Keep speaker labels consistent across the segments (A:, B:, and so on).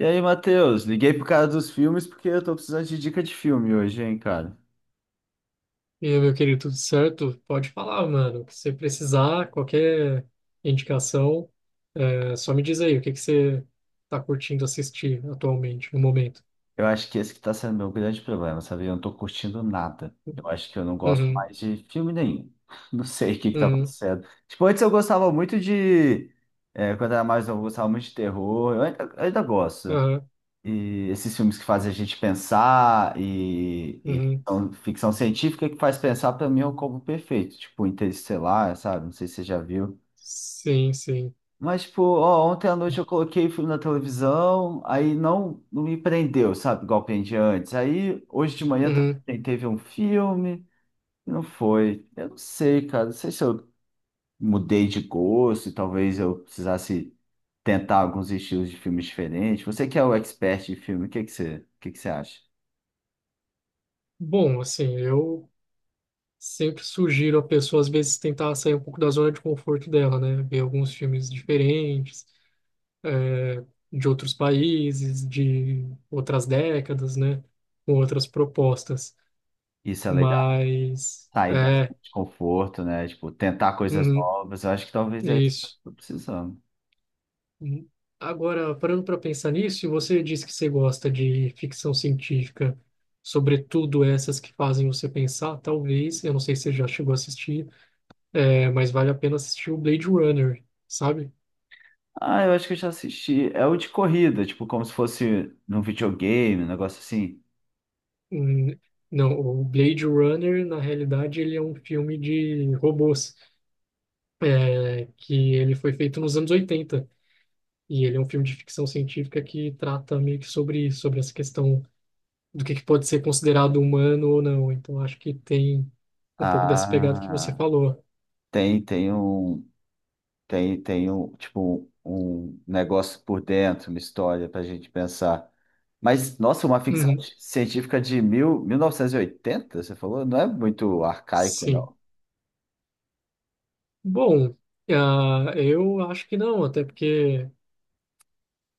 A: E aí, Matheus, liguei pro cara dos filmes porque eu tô precisando de dica de filme hoje, hein, cara.
B: E aí, meu querido, tudo certo? Pode falar, mano. Se precisar, qualquer indicação, só me diz aí o que que você tá curtindo assistir atualmente, no momento.
A: Eu acho que esse que tá sendo meu grande problema, sabe? Eu não tô curtindo nada. Eu acho que eu não gosto
B: Uhum,
A: mais de filme nenhum. Não sei o que que tá
B: uhum,
A: acontecendo. Tipo, antes eu gostava muito de. Quando era mais novo, eu gostava muito de terror. Eu ainda gosto.
B: aham,
A: E esses filmes que fazem a gente pensar e
B: uhum.
A: ficção científica que faz pensar, pra mim, é o combo perfeito. Tipo, Interestelar, sabe? Não sei se você já viu.
B: Sim, sim.
A: Mas, tipo, ó, ontem à noite eu coloquei filme na televisão, aí não me prendeu, sabe? Igual prendia antes. Aí, hoje de manhã
B: Uhum.
A: também teve um filme, e não foi. Eu não sei, cara. Não sei se eu mudei de gosto, e talvez eu precisasse tentar alguns estilos de filmes diferentes. Você que é o expert de filme, o que que você acha?
B: Bom, assim, eu sempre sugiro a pessoa, às vezes, tentar sair um pouco da zona de conforto dela, né? Ver alguns filmes diferentes, é, de outros países, de outras décadas, né? Com outras propostas.
A: Isso é legal?
B: Mas
A: Sair da zona
B: é,
A: de conforto, né? Tipo, tentar coisas
B: uhum,
A: novas. Eu acho que talvez é isso que eu
B: isso.
A: tô precisando.
B: Hum, agora, parando para pensar nisso, você disse que você gosta de ficção científica, sobretudo essas que fazem você pensar, talvez, eu não sei se você já chegou a assistir, mas vale a pena assistir o Blade Runner, sabe?
A: Ah, eu acho que eu já assisti. É o de corrida, tipo, como se fosse num videogame, um negócio assim.
B: Hum, Não, o Blade Runner, na realidade, ele é um filme de robôs, que ele foi feito nos anos 80 e ele é um filme de ficção científica que trata meio que sobre, sobre essa questão do que pode ser considerado humano ou não. Então, acho que tem um pouco dessa pegada que você
A: Ah,
B: falou.
A: tem, tem um, tipo, um negócio por dentro, uma história pra gente pensar. Mas, nossa, uma ficção
B: Uhum,
A: científica de 1980, você falou? Não é muito arcaico,
B: sim.
A: não.
B: Bom, ah, eu acho que não, até porque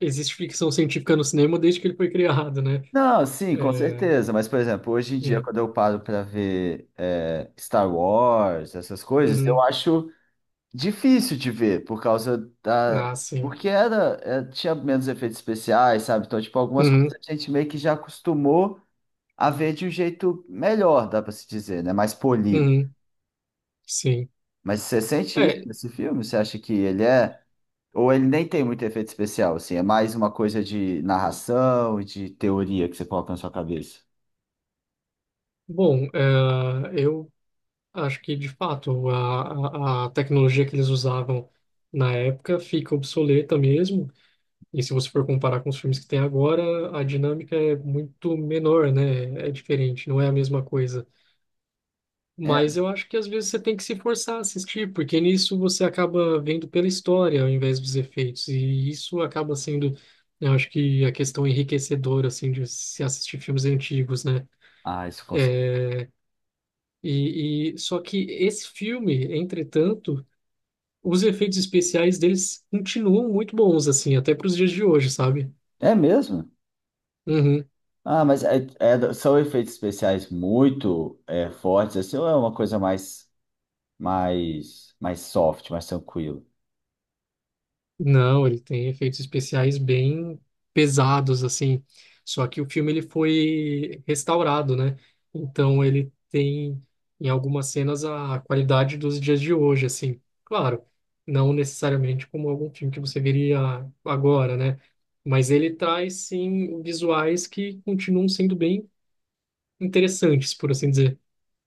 B: existe ficção científica no cinema desde que ele foi criado, né?
A: Não, sim, com
B: É,
A: certeza. Mas, por exemplo, hoje em dia,
B: hum,
A: quando eu paro para ver Star Wars, essas coisas, eu
B: uhum,
A: acho difícil de ver, por causa da.
B: ah, sim.
A: Porque tinha menos efeitos especiais, sabe? Então, tipo, algumas coisas
B: Uhum,
A: a gente meio que já acostumou a ver de um jeito melhor, dá pra se dizer, né? Mais polido.
B: uhum, sim.
A: Mas você sente isso
B: É,
A: nesse filme? Você acha que ele é. Ou ele nem tem muito efeito especial, assim? É mais uma coisa de narração e de teoria que você coloca na sua cabeça?
B: bom, ah, eu acho que, de fato, a tecnologia que eles usavam na época fica obsoleta mesmo. E se você for comparar com os filmes que tem agora, a dinâmica é muito menor, né? É diferente, não é a mesma coisa. Mas
A: É.
B: eu acho que às vezes você tem que se forçar a assistir, porque nisso você acaba vendo pela história ao invés dos efeitos. E isso acaba sendo, eu acho que a questão enriquecedora, assim, de se assistir filmes antigos, né?
A: Ah, isso com
B: É, e só que esse filme, entretanto, os efeitos especiais deles continuam muito bons, assim, até para os dias de hoje, sabe?
A: É mesmo?
B: Uhum.
A: Ah, mas são efeitos especiais muito fortes, assim, ou é uma coisa mais. Mais soft, mais tranquilo.
B: Não, ele tem efeitos especiais bem pesados, assim. Só que o filme ele foi restaurado, né? Então ele tem, em algumas cenas, a qualidade dos dias de hoje, assim. Claro, não necessariamente como algum filme que você veria agora, né? Mas ele traz, sim, visuais que continuam sendo bem interessantes, por assim dizer.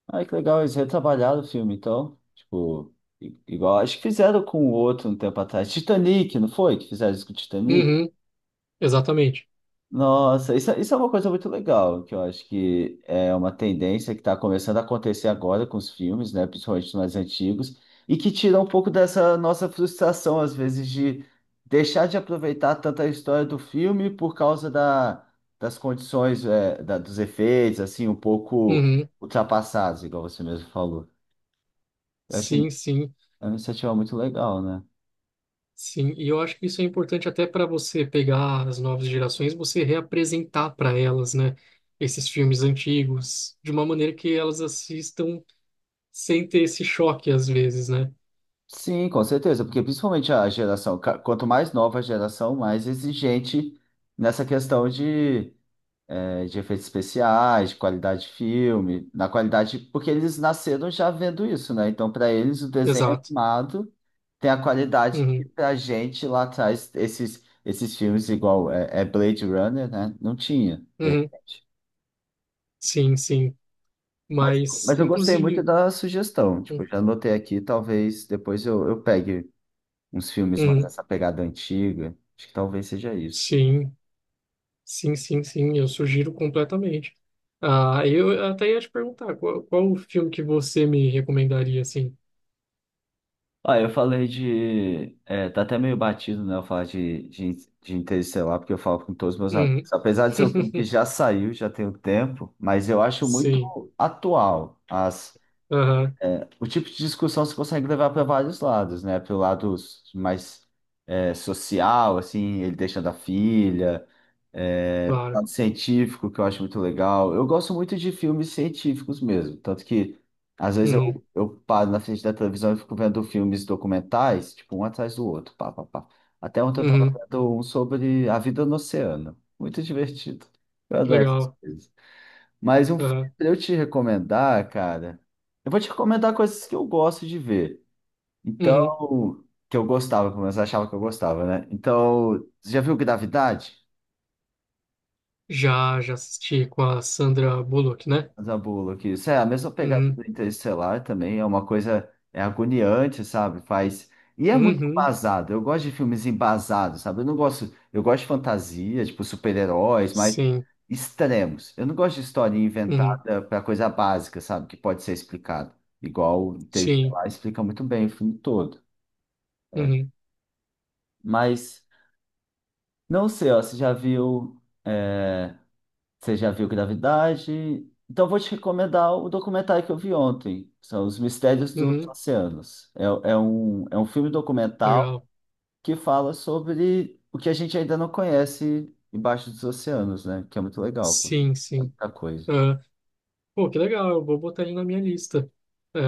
A: Ah, que legal, eles retrabalharam o filme, então. Tipo, igual, acho que fizeram com o outro um tempo atrás. Titanic, não foi? Que fizeram isso com o Titanic?
B: Uhum, exatamente.
A: Nossa, isso é uma coisa muito legal, que eu acho que é uma tendência que está começando a acontecer agora com os filmes, né, principalmente os mais antigos, e que tira um pouco dessa nossa frustração, às vezes, de deixar de aproveitar tanta história do filme por causa das condições, dos efeitos, assim, um pouco
B: Uhum,
A: ultrapassados, igual você mesmo falou. Eu acho é
B: sim, sim.
A: uma iniciativa muito legal, né?
B: Sim, e eu acho que isso é importante até para você pegar as novas gerações, você reapresentar para elas, né, esses filmes antigos, de uma maneira que elas assistam sem ter esse choque às vezes, né?
A: Sim, com certeza, porque principalmente a geração, quanto mais nova a geração, mais exigente nessa questão de, de efeitos especiais, de qualidade de filme, na qualidade, porque eles nasceram já vendo isso, né? Então, para eles, o desenho
B: Exato.
A: animado tem a qualidade que
B: Uhum,
A: pra gente lá atrás, esses filmes igual é Blade Runner, né? Não tinha, de
B: uhum,
A: repente.
B: sim, sim.
A: Mas,
B: Mas,
A: mas eu gostei muito
B: inclusive,
A: da sugestão, tipo,
B: uhum,
A: já anotei aqui, talvez depois eu pegue uns filmes mais
B: uhum,
A: essa pegada antiga. Acho que talvez seja isso.
B: sim, sim, sim, sim, eu sugiro completamente. Ah, eu até ia te perguntar, qual o filme que você me recomendaria, assim?
A: Ah, eu falei de. É, tá até meio batido, né? Eu falar de Interestelar, porque eu falo com todos os meus amigos.
B: Uhum,
A: Apesar de ser um filme que já saiu, já tem um tempo, mas eu acho
B: sim,
A: muito atual as,
B: aham,
A: o tipo de discussão você consegue levar para vários lados, né? Pelo lado mais social, assim, ele deixando a filha, é, pro
B: claro.
A: lado científico, que eu acho muito legal. Eu gosto muito de filmes científicos mesmo, tanto que às vezes
B: Uhum.
A: eu paro na frente da televisão e fico vendo filmes documentais, tipo, um atrás do outro, pá, pá, pá. Até ontem eu tava
B: Uhum,
A: vendo um sobre a vida no oceano. Muito divertido. Eu adoro essas
B: legal.
A: coisas. Mas um filme
B: Aham,
A: pra eu te recomendar, cara, eu vou te recomendar coisas que eu gosto de ver.
B: uhum.
A: Então, que eu gostava, pelo menos eu achava que eu gostava, né? Então, você já viu Gravidade?
B: Já assisti com a Sandra Bullock, né?
A: Zabulo aqui. Isso é a mesma pegada do
B: Uhum,
A: Interestelar também, é uma coisa é agoniante, sabe? Faz e é muito
B: uhum,
A: embasado. Eu gosto de filmes embasados, sabe? Eu não gosto, eu gosto de fantasia, tipo super-heróis, mas
B: sim,
A: extremos. Eu não gosto de história
B: uhum,
A: inventada para coisa básica, sabe? Que pode ser explicado. Igual o
B: sim,
A: Interestelar explica muito bem o filme todo. É.
B: uhum,
A: Mas não sei, ó, é, você já viu Gravidade? Então eu vou te recomendar o documentário que eu vi ontem, que são Os Mistérios dos
B: uhum,
A: Oceanos. É um filme documental
B: legal.
A: que fala sobre o que a gente ainda não conhece embaixo dos oceanos, né? Que é muito legal, porque
B: Sim,
A: é
B: sim.
A: muita coisa.
B: Ah, pô, que legal, eu vou botar ele na minha lista. É,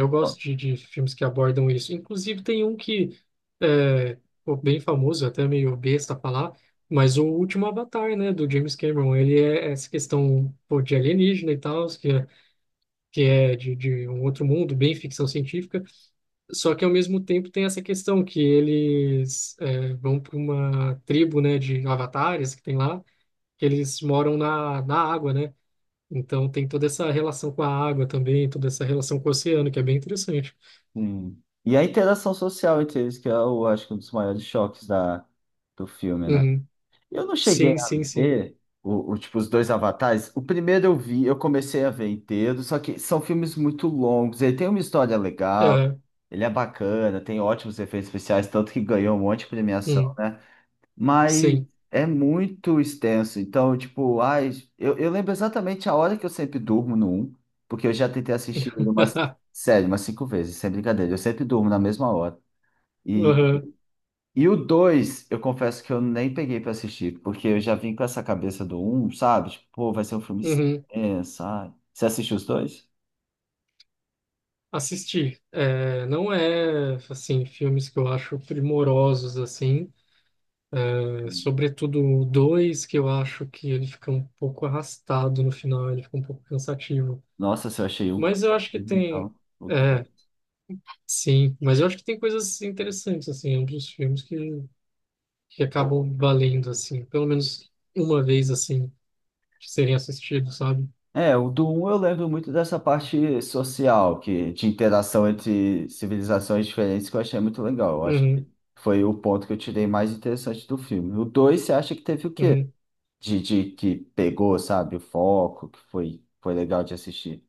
B: eu gosto
A: Ó,
B: de filmes que abordam isso. Inclusive, tem um que é, pô, bem famoso, até meio besta falar, mas o último Avatar, né, do James Cameron, ele é essa questão, pô, de alienígena e tal, que é de um outro mundo, bem ficção científica, só que ao mesmo tempo tem essa questão que eles vão para uma tribo, né, de avatares que tem lá, que eles moram na água, né? Então tem toda essa relação com a água também, toda essa relação com o oceano, que é bem interessante.
A: E a interação social entre eles, que eu acho que é um dos maiores choques do filme, né?
B: Uhum.
A: Eu não cheguei
B: Sim,
A: a
B: sim, sim.
A: ver tipo, os dois Avatares. O primeiro eu vi, eu comecei a ver inteiro, só que são filmes muito longos. Ele tem uma história legal,
B: Aham.
A: ele é bacana, tem ótimos efeitos especiais, tanto que ganhou um monte de premiação,
B: Hum.
A: né? Mas
B: Sim.
A: é muito extenso. Então, tipo, ai, eu lembro exatamente a hora que eu sempre durmo no um, porque eu já tentei assistir ele umas, sério, umas cinco vezes, sem brincadeira. Eu sempre durmo na mesma hora.
B: Aham.
A: E o 2, eu confesso que eu nem peguei pra assistir, porque eu já vim com essa cabeça do um, sabe? Tipo, pô, vai ser um filme
B: Uhum.
A: extenso, sabe? Você assistiu os dois?
B: Assistir. É, não é, assim, filmes que eu acho primorosos, assim. É, sobretudo o 2, que eu acho que ele fica um pouco arrastado no final, ele fica um pouco cansativo.
A: Nossa, se eu achei um
B: Mas eu acho que
A: cansativo,
B: tem.
A: então, o
B: É,
A: dois.
B: sim, mas eu acho que tem coisas interessantes, assim, ambos os filmes que acabam valendo, assim, pelo menos uma vez, assim, de serem assistidos, sabe?
A: É, o do um eu lembro muito dessa parte social, de interação entre civilizações diferentes, que eu achei muito legal. Eu acho que
B: Uhum,
A: foi o ponto que eu tirei mais interessante do filme. O 2, você acha que teve o quê?
B: uhum.
A: De que pegou, sabe, o foco, que foi legal de assistir.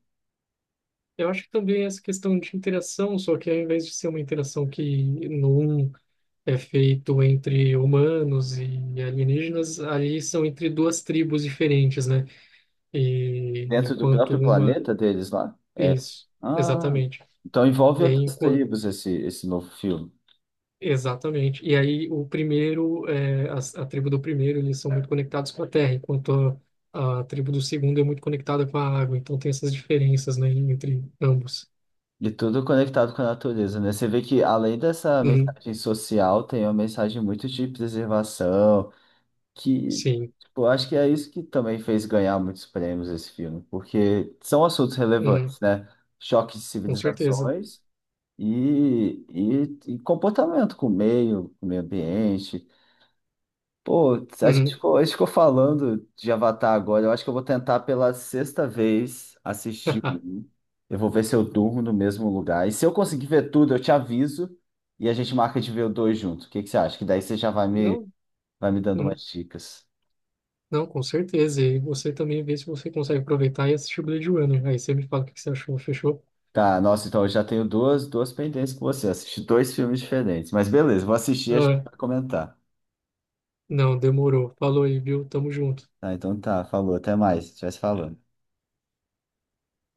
B: Eu acho que também essa questão de interação, só que ao invés de ser uma interação que no um é feito entre humanos e alienígenas, ali são entre duas tribos diferentes, né? E
A: Dentro do
B: enquanto
A: próprio
B: uma.
A: planeta deles lá? É.
B: Isso,
A: Ah,
B: exatamente.
A: então envolve
B: E aí,
A: outras
B: enquanto.
A: tribos esse novo filme.
B: Exatamente. E aí, o primeiro, a tribo do primeiro, eles são muito conectados com a terra, enquanto a tribo do segundo é muito conectada com a água. Então, tem essas diferenças, né, entre ambos.
A: E tudo conectado com a natureza, né? Você vê que além dessa
B: Uhum,
A: mensagem social, tem uma mensagem muito de preservação, que,
B: sim,
A: tipo, eu acho que é isso que também fez ganhar muitos prêmios esse filme, porque são assuntos
B: uhum,
A: relevantes, né? Choque de
B: com certeza.
A: civilizações e comportamento com o meio ambiente. Pô, a gente
B: Uhum.
A: ficou, a gente ficou falando de Avatar agora. Eu acho que eu vou tentar pela sexta vez assistir um. Eu vou ver se eu durmo no mesmo lugar. E se eu conseguir ver tudo, eu te aviso e a gente marca de ver o dois junto. O que que você acha? Que daí você já vai
B: Não,
A: vai me dando umas
B: uhum,
A: dicas.
B: não, com certeza. E você também vê se você consegue aproveitar e assistir Blade Runner. Aí você me fala o que que você achou, fechou?
A: Tá, nossa, então eu já tenho duas pendências com você. Assisti dois filmes diferentes. Mas beleza, vou assistir e a gente
B: Ah,
A: vai comentar.
B: não, demorou. Falou aí, viu? Tamo junto.
A: Tá, então tá, falou, até mais. A gente vai se falando.